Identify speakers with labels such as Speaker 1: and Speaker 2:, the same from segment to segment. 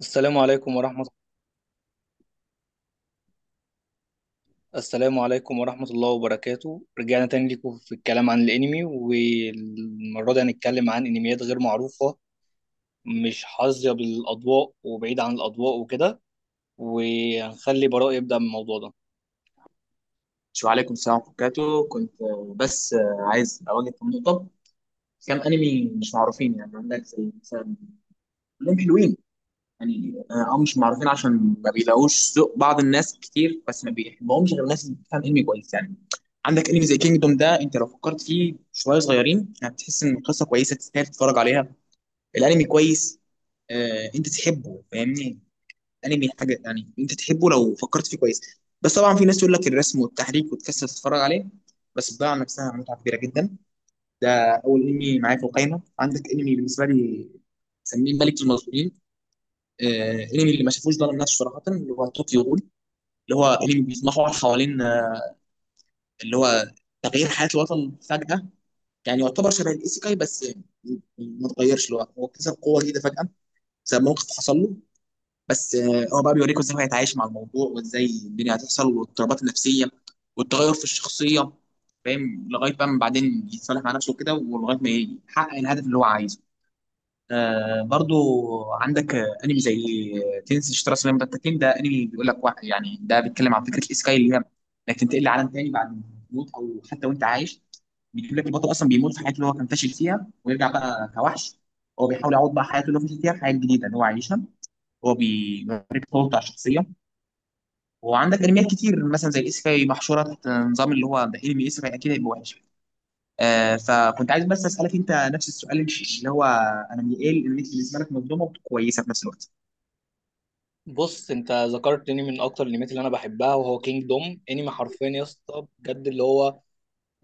Speaker 1: السلام عليكم ورحمة السلام عليكم ورحمة الله وبركاته، رجعنا تاني ليكم في الكلام عن الأنمي، والمرة دي هنتكلم عن أنميات غير معروفة، مش حظية بالأضواء وبعيد عن الأضواء وكده. وهنخلي براء يبدأ من الموضوع ده.
Speaker 2: شو عليكم السلام ورحمة الله وبركاته. كنت آه، بس آه، عايز أواجه في النقطة كام أنمي مش معروفين. يعني عندك زي مثلا، كلهم حلوين. يعني أو مش معروفين عشان ما بيلاقوش ذوق. بعض الناس كتير بس ما بيحبهمش غير الناس اللي بتفهم أنمي كويس. يعني عندك أنمي زي كينجدوم ده، أنت لو فكرت فيه شوية صغيرين هتحس إن القصة كويسة تستاهل تتفرج عليها. الأنمي كويس، أنت تحبه، فاهمني. الانمي حاجه يعني انت تحبه لو فكرت فيه كويس. بس طبعا في ناس تقول لك الرسم والتحريك وتكسل تتفرج عليه، بس بتضيع عن نفسها متعه كبيره جدا. ده اول انمي معايا في القايمه. عندك انمي بالنسبه لي مسميه ملك المظلومين. آه، انمي اللي ما شافوش ظلم نفسه صراحه اللي هو طوكيو غول، اللي هو انمي بيتمحور حوالين اللي هو تغيير حياه الوطن فجاه. يعني يعتبر شبه الايسيكاي بس ما اتغيرش، اللي هو هو اكتسب قوه جديده فجاه بسبب موقف حصل له. بس هو بقى بيوريكوا ازاي هو هيتعايش مع الموضوع، وازاي الدنيا هتحصل، والاضطرابات النفسيه والتغير في الشخصيه، فاهم؟ لغايه بقى ما بعدين يتصالح مع نفسه كده، ولغايه ما يحقق الهدف اللي هو عايزه. آه، برضو عندك انمي زي تنسي شترا سلام، ده التكليم ده انمي بيقول لك واحد، يعني ده بيتكلم عن فكره الاسكاي اللي هي انك تنتقل لعالم تاني بعد الموت او حتى وانت عايش. بيجيب لك البطل اصلا بيموت في حياته اللي هو كان فاشل فيها، ويرجع بقى كوحش. هو بيحاول يعوض بقى حياته اللي هو فاشل فيها في حياه جديده اللي هو عايشها. هو بيوريك طور بتاع الشخصيه. وعندك انميات كتير مثلا زي الايسيكاي محشوره تحت نظام، اللي هو ده انمي ايسيكاي اكيد هيبقى وحش. آه، فكنت عايز بس اسالك انت نفس السؤال، اللي هو انمي ايه الانميات بالنسبه لك مظلومه وكويسه في نفس الوقت؟
Speaker 1: بص، أنت ذكرتني من أكتر الأنميات اللي أنا بحبها، وهو كينج دوم. أنمي حرفيا يا اسطى بجد، اللي هو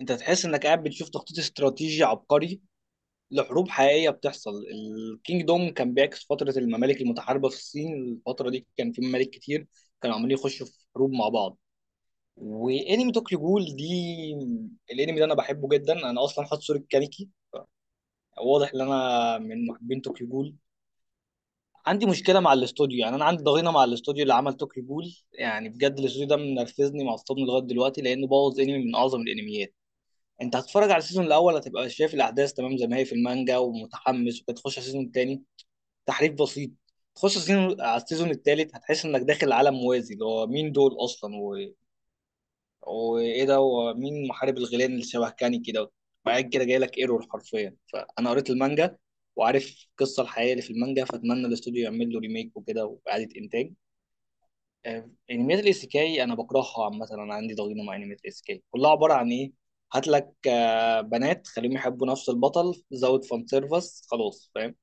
Speaker 1: أنت تحس إنك قاعد بتشوف تخطيط استراتيجي عبقري لحروب حقيقية بتحصل. الكينج دوم كان بيعكس فترة الممالك المتحاربة في الصين. الفترة دي كان في ممالك كتير كانوا عمالين يخشوا في حروب مع بعض. وانمي طوكيو جول دي، الانمي ده انا بحبه جدا، انا اصلا حاطط صورة كانيكي، واضح ان انا من محبين طوكيو جول. عندي مشكلة مع الاستوديو، يعني انا عندي ضغينة مع الاستوديو اللي عمل طوكيو جول. يعني بجد الاستوديو ده منرفزني معصبني لغاية دلوقتي، لانه بوظ انمي من اعظم الانميات. انت هتتفرج على السيزون الاول هتبقى شايف الاحداث تمام زي ما هي في المانجا ومتحمس، وتخش على السيزون التاني تحريف بسيط. تخش على السيزون الثالث هتحس انك داخل عالم موازي، اللي هو مين دول اصلا وايه ده، ومين محارب الغيلان اللي شبه كاني كده. بعد كده جاي لك ايرور حرفيا. فانا قريت المانجا وعارف القصه الحقيقيه اللي في المانجا، فاتمنى الاستوديو يعمل له ريميك وكده واعاده انتاج. انميات الايسيكاي انا بكرهها عامه، انا عندي ضغينه مع انميات الايسيكاي. كلها عباره عن ايه؟ هات لك بنات خليهم يحبوا نفس البطل، زود فان سيرفس خلاص، فاهم؟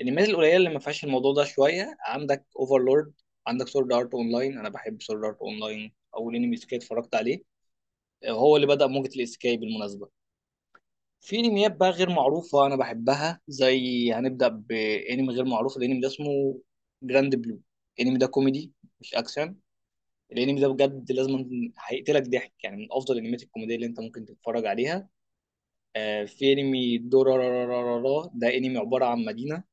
Speaker 1: الانميات القليله اللي ما فيهاش الموضوع ده شويه، عندك اوفرلورد، عندك سورد ارت اونلاين. انا بحب سورد ارت اونلاين، اول انمي اسكاي اتفرجت عليه، هو اللي بدا موجه الاسكاي بالمناسبه. في انميات بقى غير معروفه انا بحبها، زي هنبدا بانمي غير معروف، الانمي ده اسمه جراند بلو. الانمي ده كوميدي مش اكشن. الانمي ده بجد لازم، هيقتلك ضحك، يعني من افضل الانميات الكوميديه اللي انت ممكن تتفرج عليها. في انمي دورارارارارا، ده انمي عباره عن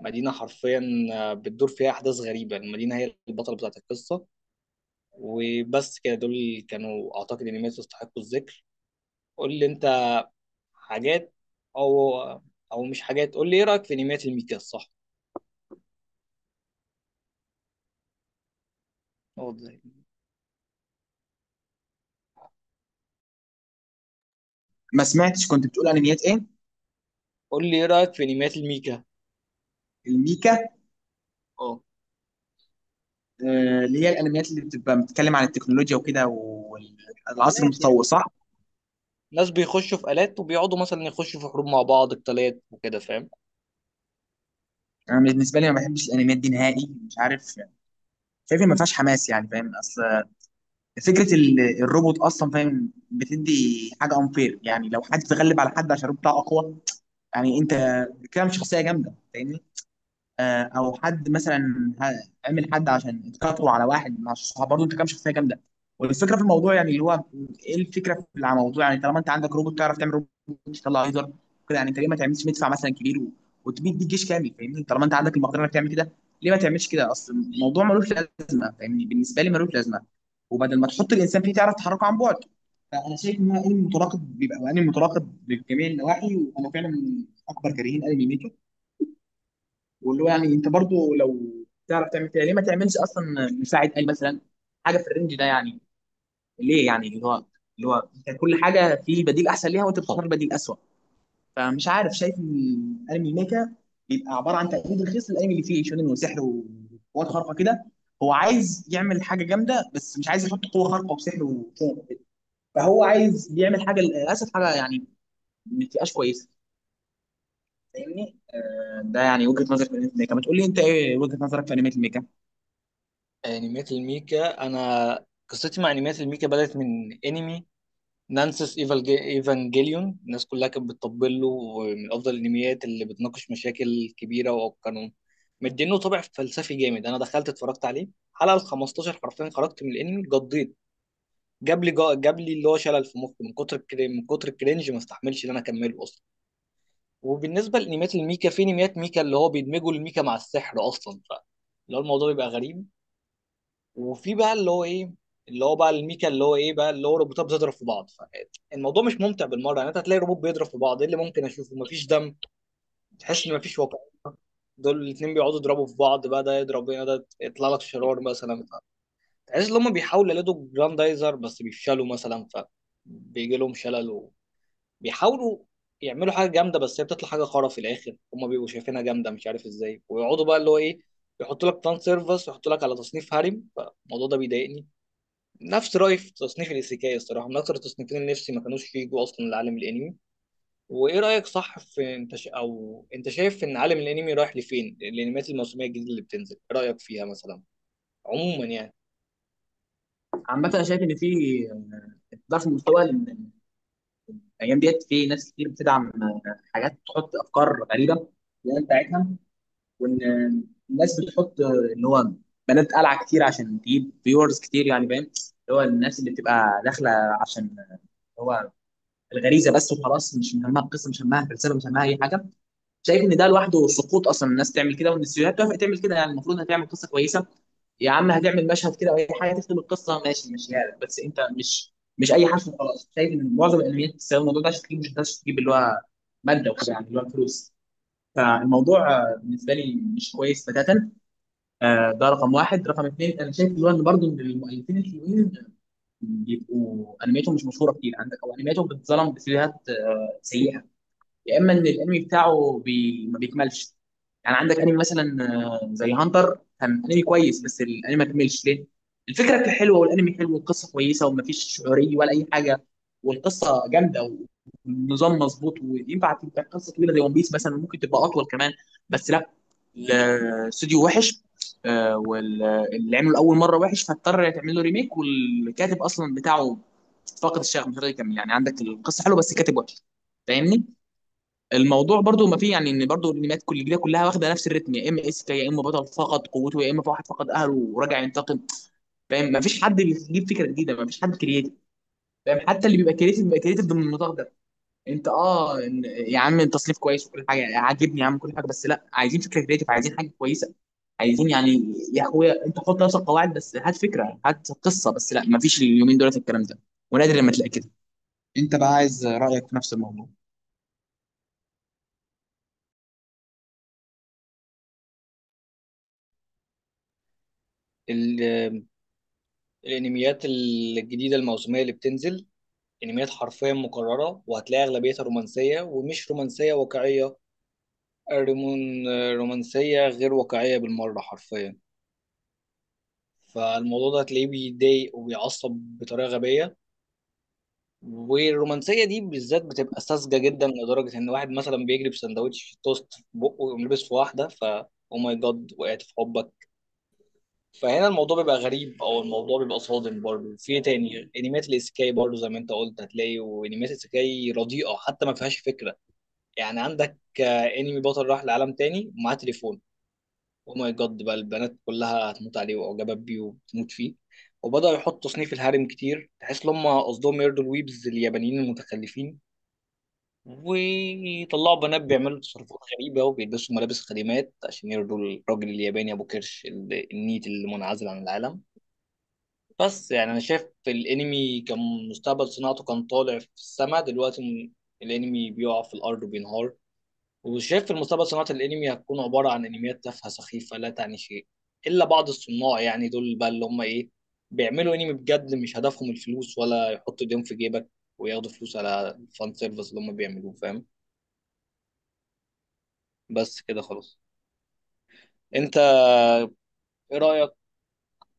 Speaker 1: مدينة حرفيا بتدور فيها أحداث غريبة، المدينة هي البطلة بتاعت القصة. وبس كده، دول كانوا أعتقد إن الناس يستحقوا الذكر. قول لي أنت حاجات، أو أو مش حاجات، قول لي إيه رأيك في أنميات الميكا، الصح؟ أه،
Speaker 2: ما سمعتش، كنت بتقول انميات ايه؟
Speaker 1: قول لي إيه رأيك في أنميات الميكا.
Speaker 2: الميكا؟
Speaker 1: اه.
Speaker 2: آه، اللي هي الانميات اللي بتبقى بتتكلم عن التكنولوجيا وكده والعصر
Speaker 1: آلات يعني،
Speaker 2: المتطور، صح؟
Speaker 1: ناس بيخشوا في آلات وبيقعدوا مثلا يخشوا في حروب مع بعض، قتالات وكده، فاهم؟
Speaker 2: انا بالنسبه لي ما بحبش الانميات دي نهائي، مش عارف، شايف إن ما فيهاش حماس، يعني فاهم؟ اصل فكره الروبوت اصلا، فاهم، بتدي حاجه انفير، يعني لو حد تغلب على حد عشان الروبوت بتاعه اقوى، يعني انت كده مش شخصيه جامده، فاهمني؟ او حد مثلا عمل حد عشان اتكتروا على واحد مع الصحاب، برضه انت كام شخصيه جامده. والفكره في الموضوع، يعني اللي هو ايه الفكره في الموضوع؟ يعني طالما انت عندك روبوت تعرف تعمل روبوت تطلع ليزر كده، يعني انت ليه ما تعملش مدفع مثلا كبير وتبيد بيه جيش كامل، فاهمني؟ طالما انت عندك المقدره انك تعمل كده، ليه ما تعملش كده؟ اصل الموضوع ملوش لازمه، فاهمني، بالنسبه لي ملوش لازمه. وبدل ما تحط الانسان فيه تعرف تحركه عن بعد. فانا شايف ان هو انمي متراقب، بيبقى انمي متراقب بجميع النواحي، وانا فعلا من اكبر كارهين انمي ميكر. واللي هو يعني انت برضو لو تعرف تعمل كده، ليه ما تعملش اصلا مساعد قال مثلا حاجه في الرينج ده؟ يعني ليه يعني اللي هو انت كل حاجه في بديل احسن ليها وانت بتختار بديل اسوء؟ فمش عارف، شايف ان الانمي ميكا بيبقى عباره عن تقليد رخيص للانمي اللي فيه شونن وسحر وقوات خارقه كده. هو عايز يعمل حاجه جامده بس مش عايز يحط قوه خارقه وسحر وكده، فهو عايز يعمل حاجه، للاسف حاجه يعني ما تبقاش كويسه، فاهمني؟ ده يعني وجهه نظري في انمي ميكا، ما تقول لي انت ايه وجهه نظرك في انمي ميكا؟
Speaker 1: أنميات الميكا، أنا قصتي مع أنميات الميكا بدأت من أنمي نانسس ايفانجيليون. الناس كلها كانت بتطبل له، ومن افضل الانميات اللي بتناقش مشاكل كبيره وقانون مدينه، طابع فلسفي جامد. انا دخلت اتفرجت عليه حلقه ال 15 حرفيا خرجت من الانمي، قضيت، جاب لي جاب لي اللي هو شلل في مخي، من كتر من كتر الكرنج، ما استحملش ان انا اكمله اصلا. وبالنسبه لانميات الميكا، في انميات ميكا اللي هو بيدمجوا الميكا مع السحر اصلا، ف اللي هو الموضوع بيبقى غريب. وفي بقى اللي هو ايه، اللي هو بقى الميكا اللي هو ايه بقى، اللي هو روبوتات بتضرب في بعض. فالموضوع مش ممتع بالمره، يعني انت هتلاقي روبوت بيضرب في بعض، ايه اللي ممكن اشوفه؟ مفيش دم، تحس ان مفيش واقع. دول الاتنين بيقعدوا يضربوا في بعض بقى، ده يضرب هنا ده يطلع لك شرار مثلا. تحس ان هم بيحاولوا يلدوا جراندايزر بس بيفشلوا مثلا، فبيجي لهم شلل. وبيحاولوا يعملوا حاجه جامده بس هي بتطلع حاجه خرا في الاخر، هم بيبقوا شايفينها جامده مش عارف ازاي، ويقعدوا بقى اللي هو ايه، يحطوا لك فان سيرفس ويحطوا لك على تصنيف هارم، فالموضوع ده بيضايقني. نفس رأيي في تصنيف الإيسيكاي، الصراحة من أكتر التصنيفين اللي نفسي ما كانوش يجوا أصلا لعالم الأنمي. وإيه رأيك صح في أو أنت شايف إن عالم الأنمي رايح لفين؟ الأنميات الموسمية الجديدة اللي بتنزل إيه رأيك فيها مثلا، عموما يعني؟
Speaker 2: عامة أنا شايف إن في ضعف في المستوى، لأن الأيام ديت في ناس كتير بتدعم حاجات، تحط أفكار غريبة اللي بتاعتها. وإن الناس بتحط اللي هو بنات قلعة كتير عشان تجيب فيورز كتير، يعني فاهم؟ اللي هو الناس اللي بتبقى داخلة عشان اللي هو الغريزة بس وخلاص، مش مهمها القصة، مش مهمها الفلسفة، مش مهمها أي حاجة. شايف ان ده لوحده سقوط اصلا الناس تعمل كده، وان السيناريوهات توافق تعمل كده. يعني المفروض هتعمل قصه كويسه، يا عم هتعمل مشهد كده او اي حاجه تختم القصه، ماشي ماشي يعني، بس انت مش اي حرف خلاص. شايف ان معظم الانميات بتستخدم الموضوع ده عشان تجيب، مش ده عشان تجيب اللي هو ماده وكده، يعني اللي هو فلوس. فالموضوع بالنسبه لي مش كويس بتاتا. ده رقم واحد. رقم اثنين، انا شايف اللي هو ان برضه إن المؤلفين الحلوين بيبقوا انمياتهم مش مشهوره كتير عندك، او انمياتهم بتتظلم بسيناريوهات سيئه، يا اما ان الانمي بتاعه ما بيكملش. يعني عندك انمي مثلا زي هانتر، كان انمي كويس بس الانمي ما كملش ليه؟ الفكره كانت حلوه، والانمي حلو، والقصه كويسه، ومفيش شعوريه ولا اي حاجه، والقصه جامده، والنظام مظبوط، وينفع تبقى قصه طويله زي ون بيس مثلا، ممكن تبقى اطول كمان، بس لا، الاستوديو وحش. واللي عمله اول مره وحش فاضطر تعمل له ريميك، والكاتب اصلا بتاعه فاقد الشغف مش راضي يكمل. يعني عندك القصه حلوه بس الكاتب وحش، فاهمني؟ الموضوع برضو ما فيه، يعني ان برضو الانميات كل الجديده كلها واخده نفس الريتم، يا اما اس كي، يا اما بطل فقد قوته، يا اما واحد فقد اهله وراجع ينتقم، فاهم؟ ما فيش حد بيجيب فكره جديده، ما فيش حد كرييتيف، فاهم؟ حتى اللي بيبقى كرييتيف بيبقى كرييتيف ضمن النطاق ده. انت يا عم التصنيف كويس وكل حاجه عاجبني، يا عم كل حاجه، بس لا، عايزين فكره كرييتيف، عايزين حاجه كويسه، عايزين يعني، يا اخويا انت حط نفس القواعد بس هات فكره، هات قصه، بس لا، ما فيش اليومين دولت الكلام ده، ونادر لما تلاقي كده. انت بقى عايز رايك في نفس الموضوع.
Speaker 1: ال... الأنميات الجديدة الموسمية اللي بتنزل أنميات حرفيا مكررة، وهتلاقي أغلبيتها رومانسية، ومش رومانسية واقعية، الرمون رومانسية غير واقعية بالمرة حرفيا. فالموضوع ده هتلاقيه بيضايق وبيعصب بطريقة غبية. والرومانسيه دي بالذات بتبقى ساذجه جدا، لدرجه ان واحد مثلا بيجري بسندوتش في توست في بقه ويقوم لابس في واحده، ف او ماي جاد وقعت في حبك. فهنا الموضوع بيبقى غريب، او الموضوع بيبقى صادم برضه. في إيه تاني؟ انميات الايسيكاي برضه زي ما انت قلت، هتلاقي وانميات الايسيكاي رديئه حتى ما فيهاش فكره. يعني عندك انمي بطل راح لعالم تاني ومعاه تليفون، او ماي جاد بقى البنات كلها هتموت عليه واعجبت بيه وبتموت فيه. وبدأوا يحطوا تصنيف الهارم كتير، تحس ان هم قصدهم يرضوا الويبز اليابانيين المتخلفين، ويطلعوا بنات بيعملوا تصرفات غريبة وبيلبسوا ملابس خادمات عشان يرضوا الراجل الياباني أبو كرش، النيت المنعزل عن العالم. بس يعني أنا شايف الأنمي كان مستقبل صناعته كان طالع في السما، دلوقتي الأنمي بيقع في الأرض وبينهار. وشايف في المستقبل صناعة الأنمي هتكون عبارة عن أنميات تافهة سخيفة لا تعني شيء، إلا بعض الصناع، يعني دول بقى اللي هم إيه، بيعملوا أنمي بجد، مش هدفهم الفلوس ولا يحطوا إيديهم في جيبك وياخدوا فلوس على الفان سيرفيس اللي هم بيعملوه، فاهم؟ بس كده خلاص. انت ايه رأيك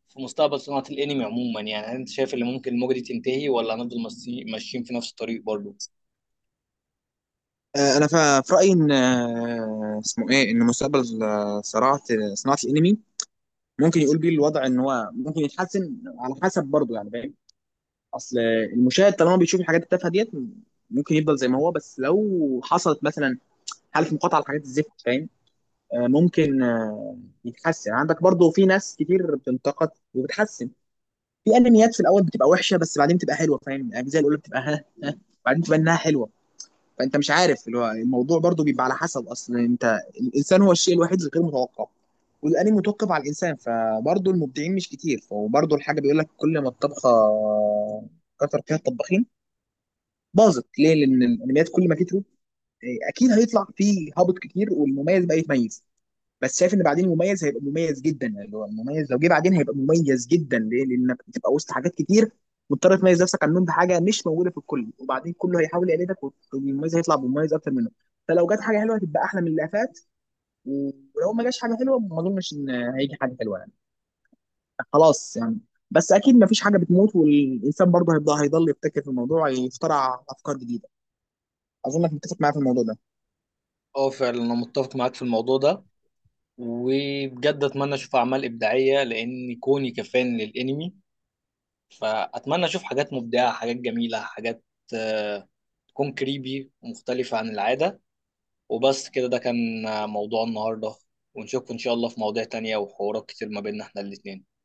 Speaker 1: في مستقبل صناعة الانمي عموما يعني؟ هل انت شايف ان ممكن الموجة دي تنتهي ولا هنفضل ماشيين في نفس الطريق برضو؟
Speaker 2: انا في رايي ان اسمه ايه، ان مستقبل صناعه صناعه الانمي ممكن يقول بيه الوضع ان هو ممكن يتحسن على حسب برضه، يعني فاهم؟ اصل المشاهد طالما بيشوف الحاجات التافهه ديت ممكن يفضل زي ما هو، بس لو حصلت مثلا حاله مقاطعه لحاجات الزفت، فاهم؟ ممكن يتحسن. عندك برضه في ناس كتير بتنتقد وبتحسن، في انميات في الاول بتبقى وحشه بس بعدين بتبقى حلوه، فاهم؟ الاجزاء الاولى بتبقى ها ها، بعدين بتبقى انها حلوه. فانت مش عارف اللي هو الموضوع برضو بيبقى على حسب اصلا. انت الانسان هو الشيء الوحيد الغير متوقع، والانمي متوقف على الانسان. فبرضو المبدعين مش كتير، فبرضو الحاجه بيقول لك كل ما الطبخه كتر فيها الطباخين باظت، ليه؟ لان الانميات كل ما كتروا إيه، اكيد هيطلع فيه هابط كتير، والمميز بقى يتميز. بس شايف ان بعدين مميز هيبقى مميز جدا، اللي هو المميز لو جه بعدين هيبقى مميز جدا، ليه؟ لانك بتبقى وسط حاجات كتير، مضطر تميز نفسك عنهم بحاجه مش موجوده في الكل، وبعدين كله هيحاول يقلدك، والمميز هيطلع بمميز اكتر منه. فلو جت حاجه حلوه هتبقى احلى من اللي فات، ولو ما جاش حاجه حلوه ما اظنش ان هيجي حاجه حلوه، يعني خلاص يعني. بس اكيد ما فيش حاجه بتموت، والانسان برضه هيبقى هيضل يبتكر في الموضوع، يخترع افكار جديده. اظنك متفق معايا في الموضوع ده.
Speaker 1: اه فعلا انا متفق معاك في الموضوع ده. وبجد اتمنى اشوف اعمال ابداعية، لان كوني كفان للانمي فاتمنى اشوف حاجات مبدعة، حاجات جميلة، حاجات آه، تكون كريبي ومختلفة عن العادة. وبس كده، ده كان موضوع النهاردة. ونشوفكم ان شاء الله في مواضيع تانية وحوارات كتير ما بيننا احنا الاتنين.